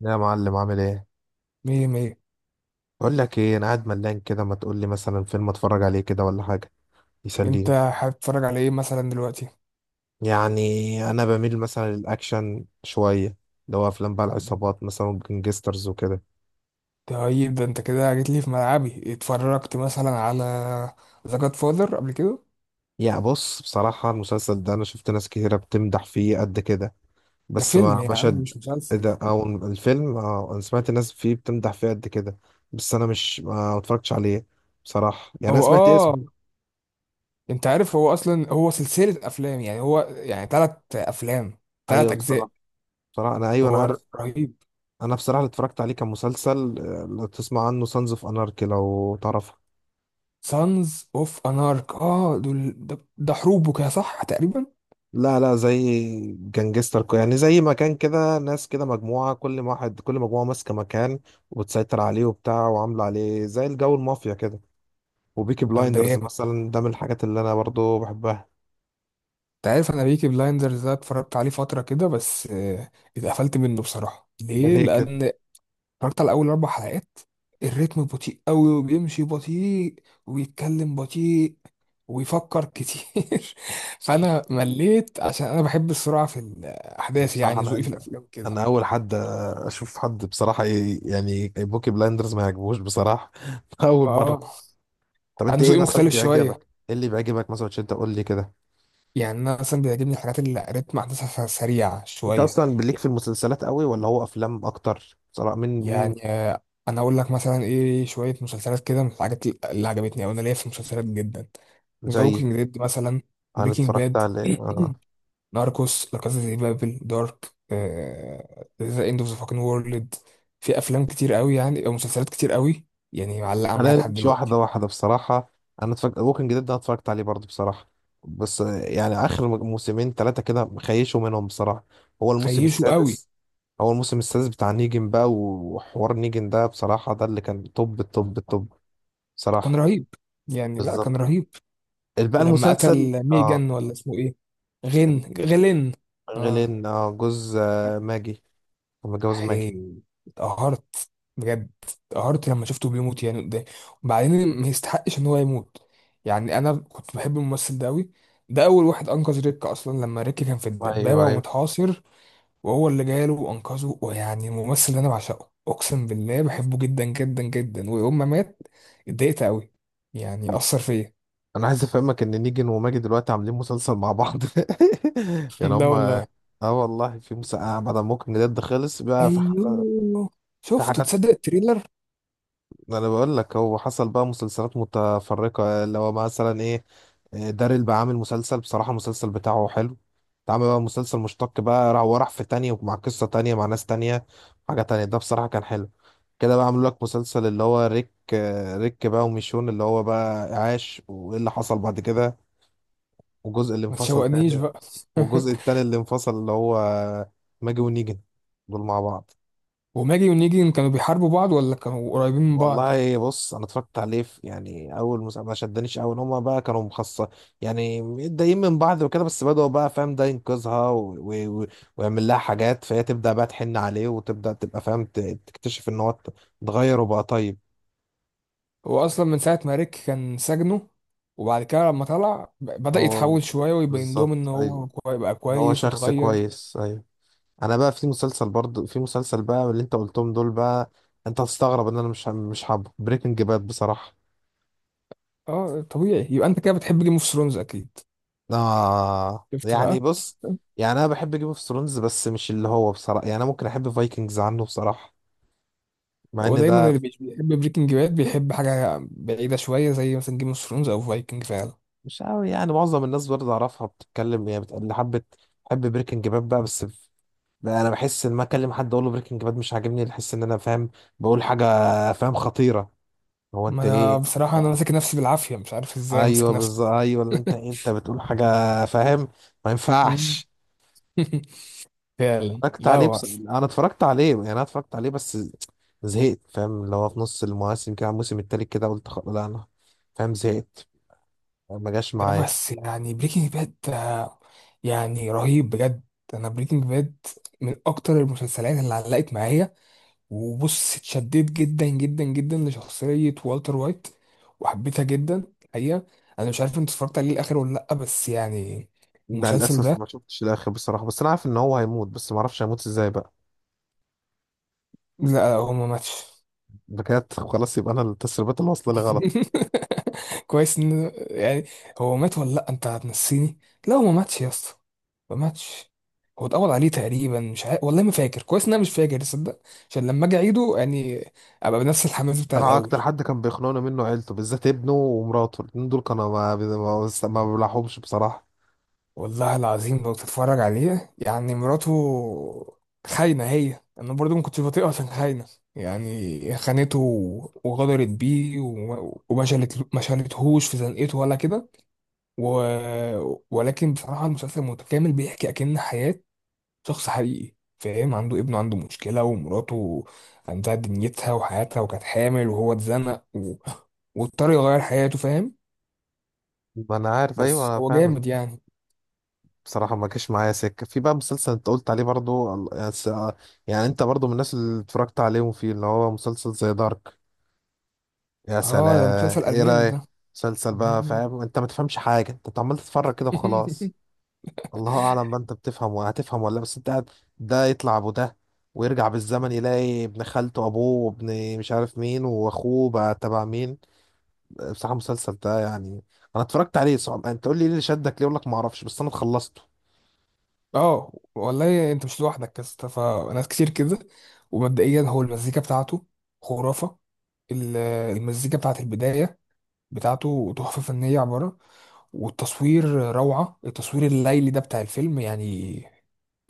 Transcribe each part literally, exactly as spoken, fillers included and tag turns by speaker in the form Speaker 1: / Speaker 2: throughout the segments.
Speaker 1: يا معلم، عامل ايه؟
Speaker 2: مية مية.
Speaker 1: بقول لك ايه، انا قاعد ملان كده، ما تقول لي مثلا فيلم اتفرج عليه كده ولا حاجه
Speaker 2: انت
Speaker 1: يسليني.
Speaker 2: حابب تتفرج على ايه مثلا دلوقتي؟
Speaker 1: يعني انا بميل مثلا للاكشن شويه، اللي هو افلام بقى العصابات مثلا جنجسترز وكده.
Speaker 2: طيب ده انت كده جيت لي في ملعبي اتفرجت مثلا على ذا جاد فاذر قبل كده.
Speaker 1: يا بص، بصراحه المسلسل ده انا شفت ناس كتيره بتمدح فيه قد كده،
Speaker 2: ده
Speaker 1: بس
Speaker 2: فيلم
Speaker 1: ما
Speaker 2: يا
Speaker 1: ما
Speaker 2: عم
Speaker 1: شد.
Speaker 2: مش
Speaker 1: إيه
Speaker 2: مسلسل.
Speaker 1: ده؟ او الفيلم، اه انا سمعت ناس فيه بتمدح فيه قد كده، بس انا مش ما اتفرجتش عليه بصراحه، يعني انا
Speaker 2: هو
Speaker 1: سمعت
Speaker 2: اه.
Speaker 1: اسمه.
Speaker 2: انت عارف هو اصلا هو سلسلة افلام يعني هو يعني تلات افلام تلات
Speaker 1: ايوه
Speaker 2: اجزاء.
Speaker 1: بصراحه، بصراحه انا ايوه انا
Speaker 2: هو ر-
Speaker 1: عارف.
Speaker 2: رهيب.
Speaker 1: انا بصراحه اللي اتفرجت عليه كان مسلسل آه، لو تسمع عنه سانز اوف اناركي، لو تعرفه.
Speaker 2: سانز اوف انارك اه دول ده, ده حروب وكده صح تقريبا.
Speaker 1: لا لا، زي جانجستر كو- يعني زي مكان كده، ناس كده مجموعه، كل واحد كل مجموعه ماسكه مكان وبتسيطر عليه وبتاع، وعامله عليه زي الجو المافيا كده. وبيكي
Speaker 2: طب ده
Speaker 1: بلايندرز
Speaker 2: جامد.
Speaker 1: مثلا ده من الحاجات اللي انا برضو بحبها.
Speaker 2: انت عارف انا بيكي بلايندرز ده اتفرجت عليه فترة كده بس آه، اتقفلت منه بصراحة
Speaker 1: ده
Speaker 2: ليه،
Speaker 1: ليه كده؟
Speaker 2: لان اتفرجت على اول اربع حلقات. الريتم بطيء قوي وبيمشي بطيء وبيتكلم بطيء ويفكر كتير فانا مليت عشان انا بحب السرعه في الاحداث،
Speaker 1: بصراحه
Speaker 2: يعني ذوقي
Speaker 1: انا،
Speaker 2: في الافلام كده.
Speaker 1: انا اول حد اشوف حد بصراحه ي- يعني بوكي بلايندرز ما يعجبوش بصراحه. اول
Speaker 2: اه،
Speaker 1: مره. طب انت
Speaker 2: انا
Speaker 1: ايه
Speaker 2: ذوقي
Speaker 1: مثلا
Speaker 2: مختلف شويه.
Speaker 1: بيعجبك؟ ايه اللي بيعجبك مثلا؟ عشان انت قول لي كده.
Speaker 2: يعني انا مثلا بيعجبني الحاجات اللي ريتم احداثها سريع
Speaker 1: انت
Speaker 2: شويه.
Speaker 1: اصلا بليك في المسلسلات قوي، ولا هو افلام اكتر بصراحه، من من
Speaker 2: يعني آه، انا اقول لك مثلا ايه، شويه مسلسلات كده من الحاجات اللي عجبتني او انا ليا في المسلسلات جدا. ذا
Speaker 1: زي.
Speaker 2: ووكينج ديد مثلا.
Speaker 1: انا
Speaker 2: بريكنج
Speaker 1: اتفرجت
Speaker 2: باد
Speaker 1: عليه، اه.
Speaker 2: ناركوس، لا كاسا دي بابل، دارك. ذا اند اوف ذا فاكن وورلد. في افلام كتير قوي يعني او مسلسلات كتير قوي يعني معلقه معايا
Speaker 1: انا
Speaker 2: لحد
Speaker 1: نمشي
Speaker 2: دلوقتي.
Speaker 1: واحده واحده بصراحه. انا اتفرجت ووكينج ديد ده، أنا اتفرجت عليه برضه بصراحه، بس آه، يعني اخر م- موسمين ثلاثه كده مخيشوا منهم بصراحه. هو الموسم
Speaker 2: خيشه قوي.
Speaker 1: السادس، هو الموسم السادس بتاع نيجن بقى، وحوار نيجن ده بصراحه ده اللي كان توب التوب التوب
Speaker 2: كان
Speaker 1: بصراحه.
Speaker 2: رهيب، يعني لا
Speaker 1: بالظبط.
Speaker 2: كان رهيب.
Speaker 1: بقى
Speaker 2: ولما
Speaker 1: المسلسل،
Speaker 2: قتل
Speaker 1: اه.
Speaker 2: ميجان ولا اسمه ايه، غين غلين. اه.
Speaker 1: غيلين، اه جوز آه، ماجي. متجوز ماجي.
Speaker 2: هي اتقهرت بجد، اتقهرت لما شفته بيموت يعني قدامي. وبعدين ما يستحقش ان هو يموت. يعني انا كنت بحب الممثل ده قوي. ده اول واحد انقذ ريك اصلا لما ريك كان في
Speaker 1: ايوه
Speaker 2: الدبابه
Speaker 1: ايوه.
Speaker 2: ومتحاصر، وهو اللي جاله وانقذه، ويعني الممثل ده انا بعشقه، اقسم بالله بحبه جدا جدا جدا، ويوم ما مات اتضايقت قوي، يعني اثر فيا.
Speaker 1: انا عايز افهمك ان نيجن وماجد دلوقتي عاملين مسلسل مع بعض. يعني
Speaker 2: لا
Speaker 1: هما،
Speaker 2: والله.
Speaker 1: اه والله في مسا... آه بعد ما ممكن جد خلص بقى في ح...
Speaker 2: ايوه،
Speaker 1: في
Speaker 2: شفته،
Speaker 1: حاجات.
Speaker 2: تصدق التريلر؟
Speaker 1: انا بقول لك هو حصل بقى مسلسلات متفرقة، اللي هو مثلا ايه، آه، داريل بقى عامل مسلسل، بصراحة المسلسل بتاعه حلو. اتعمل بقى مسلسل مشتق بقى، راح وراح في تانية ومع قصة تانية مع ناس تانية، حاجة تانية، ده بصراحة كان حلو كده. بقى عملوا لك مسلسل اللي هو ريك آه، ريك بقى وميشون، اللي هو بقى عاش وايه اللي حصل بعد كده، والجزء اللي
Speaker 2: ما
Speaker 1: انفصل
Speaker 2: تشوقنيش
Speaker 1: تاني.
Speaker 2: بقى.
Speaker 1: والجزء التاني اللي انفصل اللي هو ماجي ونيجن، دول مع بعض.
Speaker 2: وماجي ونيجي كانوا بيحاربوا بعض ولا كانوا قريبين من بعض؟
Speaker 1: والله بص، انا اتفرجت عليه في يعني اول مسلسل ما شدنيش، اول هما بقى كانوا مخصص، يعني متضايقين من بعض وكده، بس بدأوا بقى فاهم، ده ينقذها و... و... و... ويعمل لها حاجات، فهي تبدأ بقى تحن عليه، وتبدأ تبقى فاهم ت... تكتشف ان هو ات- اتغير وبقى طيب.
Speaker 2: هو اصلا من ساعه ما ريك كان سجنه، وبعد كده لما طلع ب- بدأ
Speaker 1: هو
Speaker 2: يتحول شويه ويبين لهم
Speaker 1: بالظبط
Speaker 2: ان
Speaker 1: ايوه،
Speaker 2: هو كوي- بقى
Speaker 1: ان هو
Speaker 2: كويس
Speaker 1: شخص
Speaker 2: واتغير.
Speaker 1: كويس ايوه. انا بقى في مسلسل برضه، في مسلسل بقى اللي انت قلتهم دول بقى، انت هتستغرب ان انا مش مش حابه بريكنج باد بصراحه.
Speaker 2: اه طبيعي، يبقى انت كده بتحب جيم اوف ثرونز اكيد.
Speaker 1: آه
Speaker 2: شفت بقى.
Speaker 1: يعني بص، يعني انا بحب جيم اوف ثرونز بس مش اللي هو بصراحه، يعني انا ممكن احب فايكنجز عنه بصراحه، مع ان
Speaker 2: هو دايما
Speaker 1: ده
Speaker 2: اللي بيش- بيحب بريكنج باد بيحب حاجه بعيده شويه زي مثلا جيم اوف ثرونز او فايكنج فعلا.
Speaker 1: مش قوي، يعني معظم الناس برضه اعرفها بتتكلم، يعني بت- اللي حبت حب بريكنج باد بقى، بس ف-، بقى انا بحس ان ما اكلم حد اقول له بريكنج باد مش عاجبني، بحس ان انا فاهم بقول حاجه، فاهم خطيره. هو
Speaker 2: ما
Speaker 1: انت
Speaker 2: انا
Speaker 1: ايه؟
Speaker 2: بصراحه انا ماسك نفسي بالعافيه، مش عارف ازاي ماسك
Speaker 1: ايوه
Speaker 2: نفسي.
Speaker 1: بالظبط ايوه، اللي انت انت بتقول حاجه فاهم، ما
Speaker 2: مم.
Speaker 1: ينفعش.
Speaker 2: فعلا،
Speaker 1: اتفرجت
Speaker 2: لا
Speaker 1: عليه،
Speaker 2: هو
Speaker 1: بس انا اتفرجت عليه، يعني انا اتفرجت عليه بس زهقت فاهم، اللي هو في نص المواسم كده على الموسم التالت كده قلت خلاص، لا انا فاهم زهقت، ما جاش
Speaker 2: ده
Speaker 1: معايا.
Speaker 2: بس يعني بريكنج باد، يعني رهيب بجد. انا بريكنج باد من اكتر المسلسلات اللي علقت معايا. وبص اتشددت جدا جدا جدا لشخصية والتر وايت، وحبيتها جدا الحقيقة. انا مش عارف انت اتفرجت عليه الاخر ولا لا، بس يعني
Speaker 1: ده
Speaker 2: المسلسل
Speaker 1: للاسف
Speaker 2: ده،
Speaker 1: ما شفتش الاخر بصراحه، بس انا عارف ان هو هيموت، بس ما اعرفش هيموت ازاي بقى.
Speaker 2: لا هو ما ماتش.
Speaker 1: بجد؟ خلاص، يبقى انا التسريبات اللي واصله لي غلط.
Speaker 2: كويس ان يعني، هو مات ولا لا، انت هتنسيني. لا هو ما ماتش يا اسطى، ما ماتش. هو اتقبض عليه تقريبا، مش عارف والله، ما فاكر كويس، ان انا مش فاكر تصدق. عشان لما اجي اعيده يعني ابقى بنفس الحماس بتاع
Speaker 1: انا
Speaker 2: الاول.
Speaker 1: اكتر حد كان بيخنقني منه عيلته، بالذات ابنه ومراته، الاتنين دول كانوا، ما ما ما بلاحظهمش بصراحه.
Speaker 2: والله العظيم لو تتفرج عليه يعني مراته خاينه، هي انا برضو ما كنتش بطيقها عشان خاينه، يعني خانته وغدرت بيه وما وما شالت ما شالتهوش في زنقته ولا كده و... ولكن بصراحة المسلسل متكامل بيحكي أكن حياة شخص حقيقي، فاهم؟ عنده ابنه عنده مشكلة، ومراته عندها دنيتها وحياتها وكانت حامل، وهو اتزنق و... واضطر يغير حياته، فاهم؟
Speaker 1: ما انا عارف، ايوه
Speaker 2: بس
Speaker 1: انا
Speaker 2: هو
Speaker 1: فاهم.
Speaker 2: جامد يعني.
Speaker 1: بصراحة ما جاش معايا سكة. في بقى مسلسل انت قلت عليه برضو ال- يا س- يعني انت برضو من الناس اللي اتفرجت عليهم فيه، اللي هو مسلسل زي دارك، يا
Speaker 2: اه ده
Speaker 1: سلام،
Speaker 2: مسلسل
Speaker 1: ايه
Speaker 2: ألماني
Speaker 1: رأيك؟
Speaker 2: ده.
Speaker 1: مسلسل بقى
Speaker 2: مم.
Speaker 1: فاهم، انت ما تفهمش حاجة، انت عمال تتفرج كده وخلاص. الله اعلم بقى، انت بتفهم وهتفهم ولا لا، بس انت قاعد. ده يطلع ابو ده، ويرجع بالزمن يلاقي ابن خالته ابوه، وابن مش عارف مين، واخوه بقى تبع مين. بصراحة المسلسل ده يعني، انا اتفرجت عليه، صعب انت تقول لي ايه اللي شدك ليه، اقول لك ما اعرفش، بس انا خلصته.
Speaker 2: اه والله انت مش لوحدك يا اسطى، فناس كتير كده. ومبدئيا هو المزيكا بتاعته خرافة. ال- المزيكا بتاعت البداية بتاعته تحفة فنية عبارة. والتصوير، روعة التصوير الليلي ده بتاع الفيلم، يعني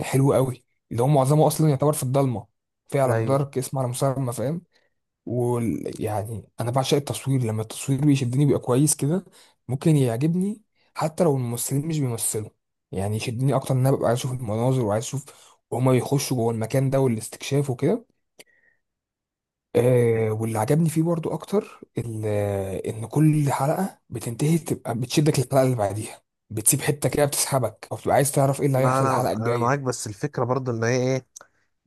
Speaker 2: حلو قوي. اللي هو معظمه اصلا يعتبر في الضلمة. فعلا دارك اسم على مسمى، فاهم؟ ويعني انا بعشق التصوير، لما التصوير بيشدني بيبقى كويس كده ممكن يعجبني، حتى لو الممثلين مش بيمثلوا. يعني يشدني اكتر ان انا ببقى عايز اشوف المناظر، وعايز اشوف وهما بيخشوا جوه المكان ده والاستكشاف وكده. آه واللي عجبني فيه برضو اكتر ال- ان كل حلقه بتنتهي تبقى بتشدك للحلقه اللي بعديها. بتسيب حته كده بتسحبك، او بتبقى عايز تعرف ايه اللي
Speaker 1: ما
Speaker 2: هيحصل الحلقه
Speaker 1: انا انا
Speaker 2: الجايه.
Speaker 1: معاك، بس الفكره برضو ان هي ايه،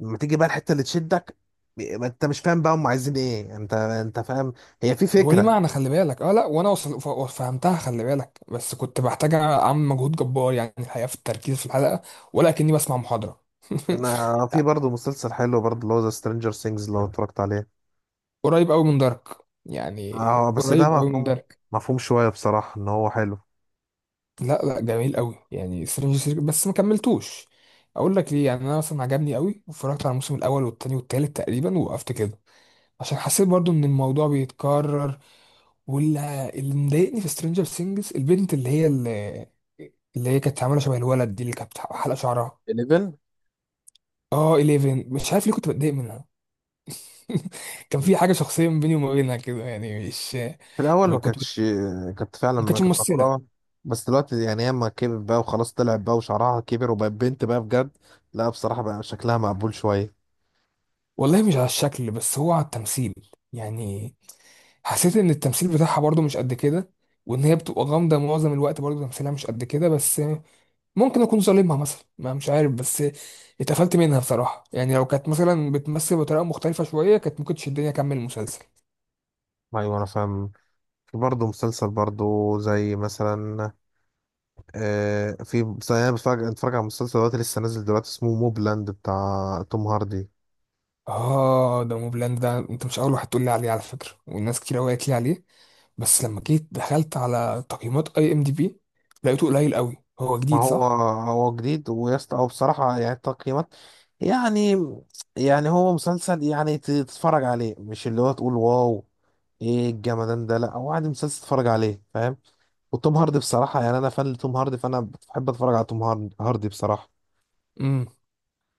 Speaker 1: لما تيجي بقى الحته اللي تشدك، ما انت مش فاهم بقى هم عايزين ايه، انت انت فاهم، هي في
Speaker 2: هو ليه
Speaker 1: فكره.
Speaker 2: معنى، خلي بالك، اه لا وانا وصل ف- فهمتها، خلي بالك، بس كنت بحتاج اعمل مجهود جبار يعني، الحقيقه في التركيز في الحلقه، ولا كاني بسمع محاضره.
Speaker 1: انا في برضو مسلسل حلو برضو، اللي هو ذا سترينجر سينجز، لو اتفرجت عليه.
Speaker 2: قريب قوي من دارك يعني.
Speaker 1: اه بس ده
Speaker 2: قريب قوي من
Speaker 1: مفهوم،
Speaker 2: دارك.
Speaker 1: مفهوم شويه بصراحه ان هو حلو.
Speaker 2: لا لا جميل قوي يعني سترينجر ثينجز، بس ما كملتوش. اقول لك ليه، يعني انا مثلا عجبني قوي واتفرجت على الموسم الاول والتاني والتالت تقريبا ووقفت كده، عشان حسيت برضو ان الموضوع بيتكرر. واللي اللي مضايقني في سترينجر ثينجز البنت اللي هي اللي, اللي هي كانت عامله شبه الولد دي، اللي كانت حلقه شعرها
Speaker 1: إحداشر.
Speaker 2: اه إحداشر مش عارف ليه كنت بتضايق منها. كان في حاجه شخصيه ما بيني وما بينها كده يعني، مش
Speaker 1: في الاول ما
Speaker 2: كنت بت...
Speaker 1: كانتش، كانت فعلا
Speaker 2: ما
Speaker 1: ما
Speaker 2: كانتش
Speaker 1: كانت
Speaker 2: ممثله.
Speaker 1: مكرهه، بس دلوقتي يعني ياما كبر بقى وخلاص، طلعت بقى وشعرها كبر، وبقت بنت بقى بجد. لا بصراحه بقى شكلها مقبول شويه.
Speaker 2: والله مش على الشكل، بس هو على التمثيل. يعني حسيت ان التمثيل بتاعها برضو مش قد كده، وان هي بتبقى غامضه معظم الوقت، برضو تمثيلها مش قد كده، بس ممكن اكون ظالمها مثلا ما مش عارف، بس اتقفلت منها بصراحه، يعني لو كانت مثلا بتمثل بطريقه مختلفه شويه كانت ممكن تشدني اكمل المسلسل.
Speaker 1: ايوه انا فاهم. برضه مسلسل برضه زي مثلا، آه في زي، انا بتفرج اتفرج على مسلسل دلوقتي لسه نازل دلوقتي، اسمه موبلاند بتاع توم هاردي.
Speaker 2: اه ده موبلاند ده، انت مش اول واحد تقول لي عليه على فكره، والناس كتير قوي قالت لي عليه. بس لما جيت دخلت على تقييمات اي ام دي بي لقيته قليل قوي، هو
Speaker 1: ما
Speaker 2: جديد
Speaker 1: هو،
Speaker 2: صح؟
Speaker 1: هو جديد ويست او بصراحة، يعني التقييمات، يعني، يعني هو مسلسل، يعني ت- تتفرج عليه، مش اللي هو تقول واو ايه الجمدان ده، لا هو عادي مسلسل تتفرج عليه فاهم. وتوم هاردي بصراحة، يعني انا فان لتوم هاردي، فانا بحب اتفرج على توم هاردي هاردي بصراحة.
Speaker 2: امم.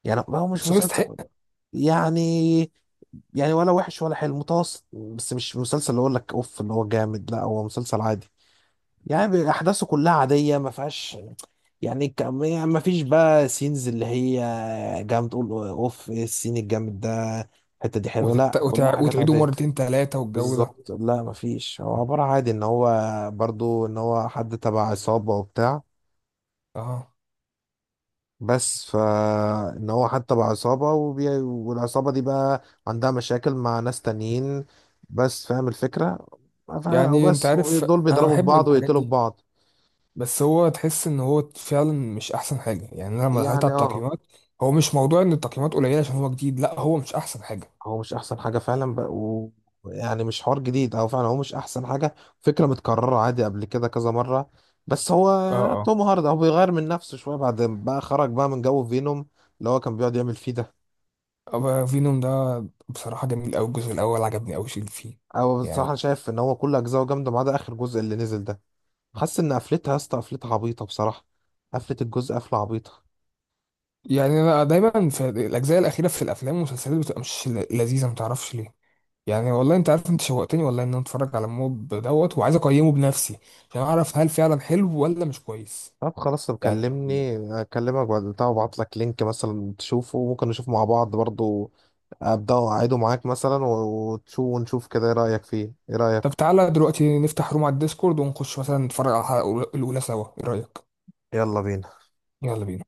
Speaker 1: يعني هو مش
Speaker 2: بس هو
Speaker 1: مسلسل،
Speaker 2: يستحق.
Speaker 1: يعني، يعني ولا وحش ولا حلو، متوسط، بس مش مسلسل اللي اقول لك اوف اللي هو جامد، لا هو مسلسل عادي، يعني احداثه كلها عاديه ما فيهاش، يعني ك- يعني ما فيش بقى سينز اللي هي جامد تقول اوف إيه السين الجامد ده، الحته دي حلوه،
Speaker 2: وتت...
Speaker 1: لا
Speaker 2: وتع...
Speaker 1: كلها حاجات
Speaker 2: وتعيده
Speaker 1: عاديه.
Speaker 2: مرتين ثلاثه والجو ده.
Speaker 1: بالظبط، لا ما فيش، هو عباره عادي، ان هو برضو ان هو حد تبع عصابه وبتاع،
Speaker 2: اه.
Speaker 1: بس فإن هو حتى بقى عصابة وبي... والعصابة دي بقى عندها مشاكل مع ناس تانيين، بس فاهم الفكرة، ف-،
Speaker 2: يعني انت
Speaker 1: وبس،
Speaker 2: عارف
Speaker 1: دول
Speaker 2: انا
Speaker 1: بيضربوا في
Speaker 2: بحب
Speaker 1: بعض
Speaker 2: الحاجات
Speaker 1: ويقتلوا في
Speaker 2: دي،
Speaker 1: بعض.
Speaker 2: بس هو تحس ان هو فعلا مش احسن حاجه، يعني انا لما دخلت
Speaker 1: يعني
Speaker 2: على
Speaker 1: اه،
Speaker 2: التقييمات، هو مش موضوع ان التقييمات قليله عشان هو جديد، لا هو مش احسن حاجه.
Speaker 1: هو مش أحسن حاجة فعلا بقى و... يعني مش حوار جديد، أو فعلا هو مش أحسن حاجة، فكرة متكررة عادي قبل كده كذا مرة، بس هو
Speaker 2: اه، اه.
Speaker 1: توم هاردي هو بيغير من نفسه شوية، بعد ما بقى خرج بقى من جو فينوم اللي هو كان بيقعد يعمل فيه ده.
Speaker 2: أبقى فينوم ده بصراحه جميل قوي، الجزء الاول عجبني قوي اللي فيه.
Speaker 1: أو
Speaker 2: يعني
Speaker 1: بصراحة شايف إن هو كل أجزاءه جامدة، ما عدا آخر جزء اللي نزل ده. حاسس ان قفلتها يا اسطى، قفلتها عبيطه بصراحه، قفلت الجزء قفله عبيطه.
Speaker 2: يعني انا دايما في الاجزاء الاخيره في الافلام والمسلسلات بتبقى مش ل- لذيذه ما تعرفش ليه. يعني والله انت عارف انت شوقتني والله ان انا اتفرج على موب دوت وعايز اقيمه بنفسي عشان اعرف هل فعلا حلو ولا مش كويس.
Speaker 1: طب خلاص، طب
Speaker 2: يعني
Speaker 1: كلمني اكلمك بعد بتاع، وابعت لك لينك مثلا تشوفه، وممكن نشوف مع بعض برضو، ابدا اعيده معاك مثلا، و- وتشوف ونشوف كده، ايه رايك فيه؟ ايه
Speaker 2: طب
Speaker 1: رايك؟
Speaker 2: تعالى دلوقتي نفتح روم على الديسكورد ونخش مثلا نتفرج على الحلقة الأولى سوا، إيه رأيك؟
Speaker 1: يلا بينا.
Speaker 2: يلا بينا.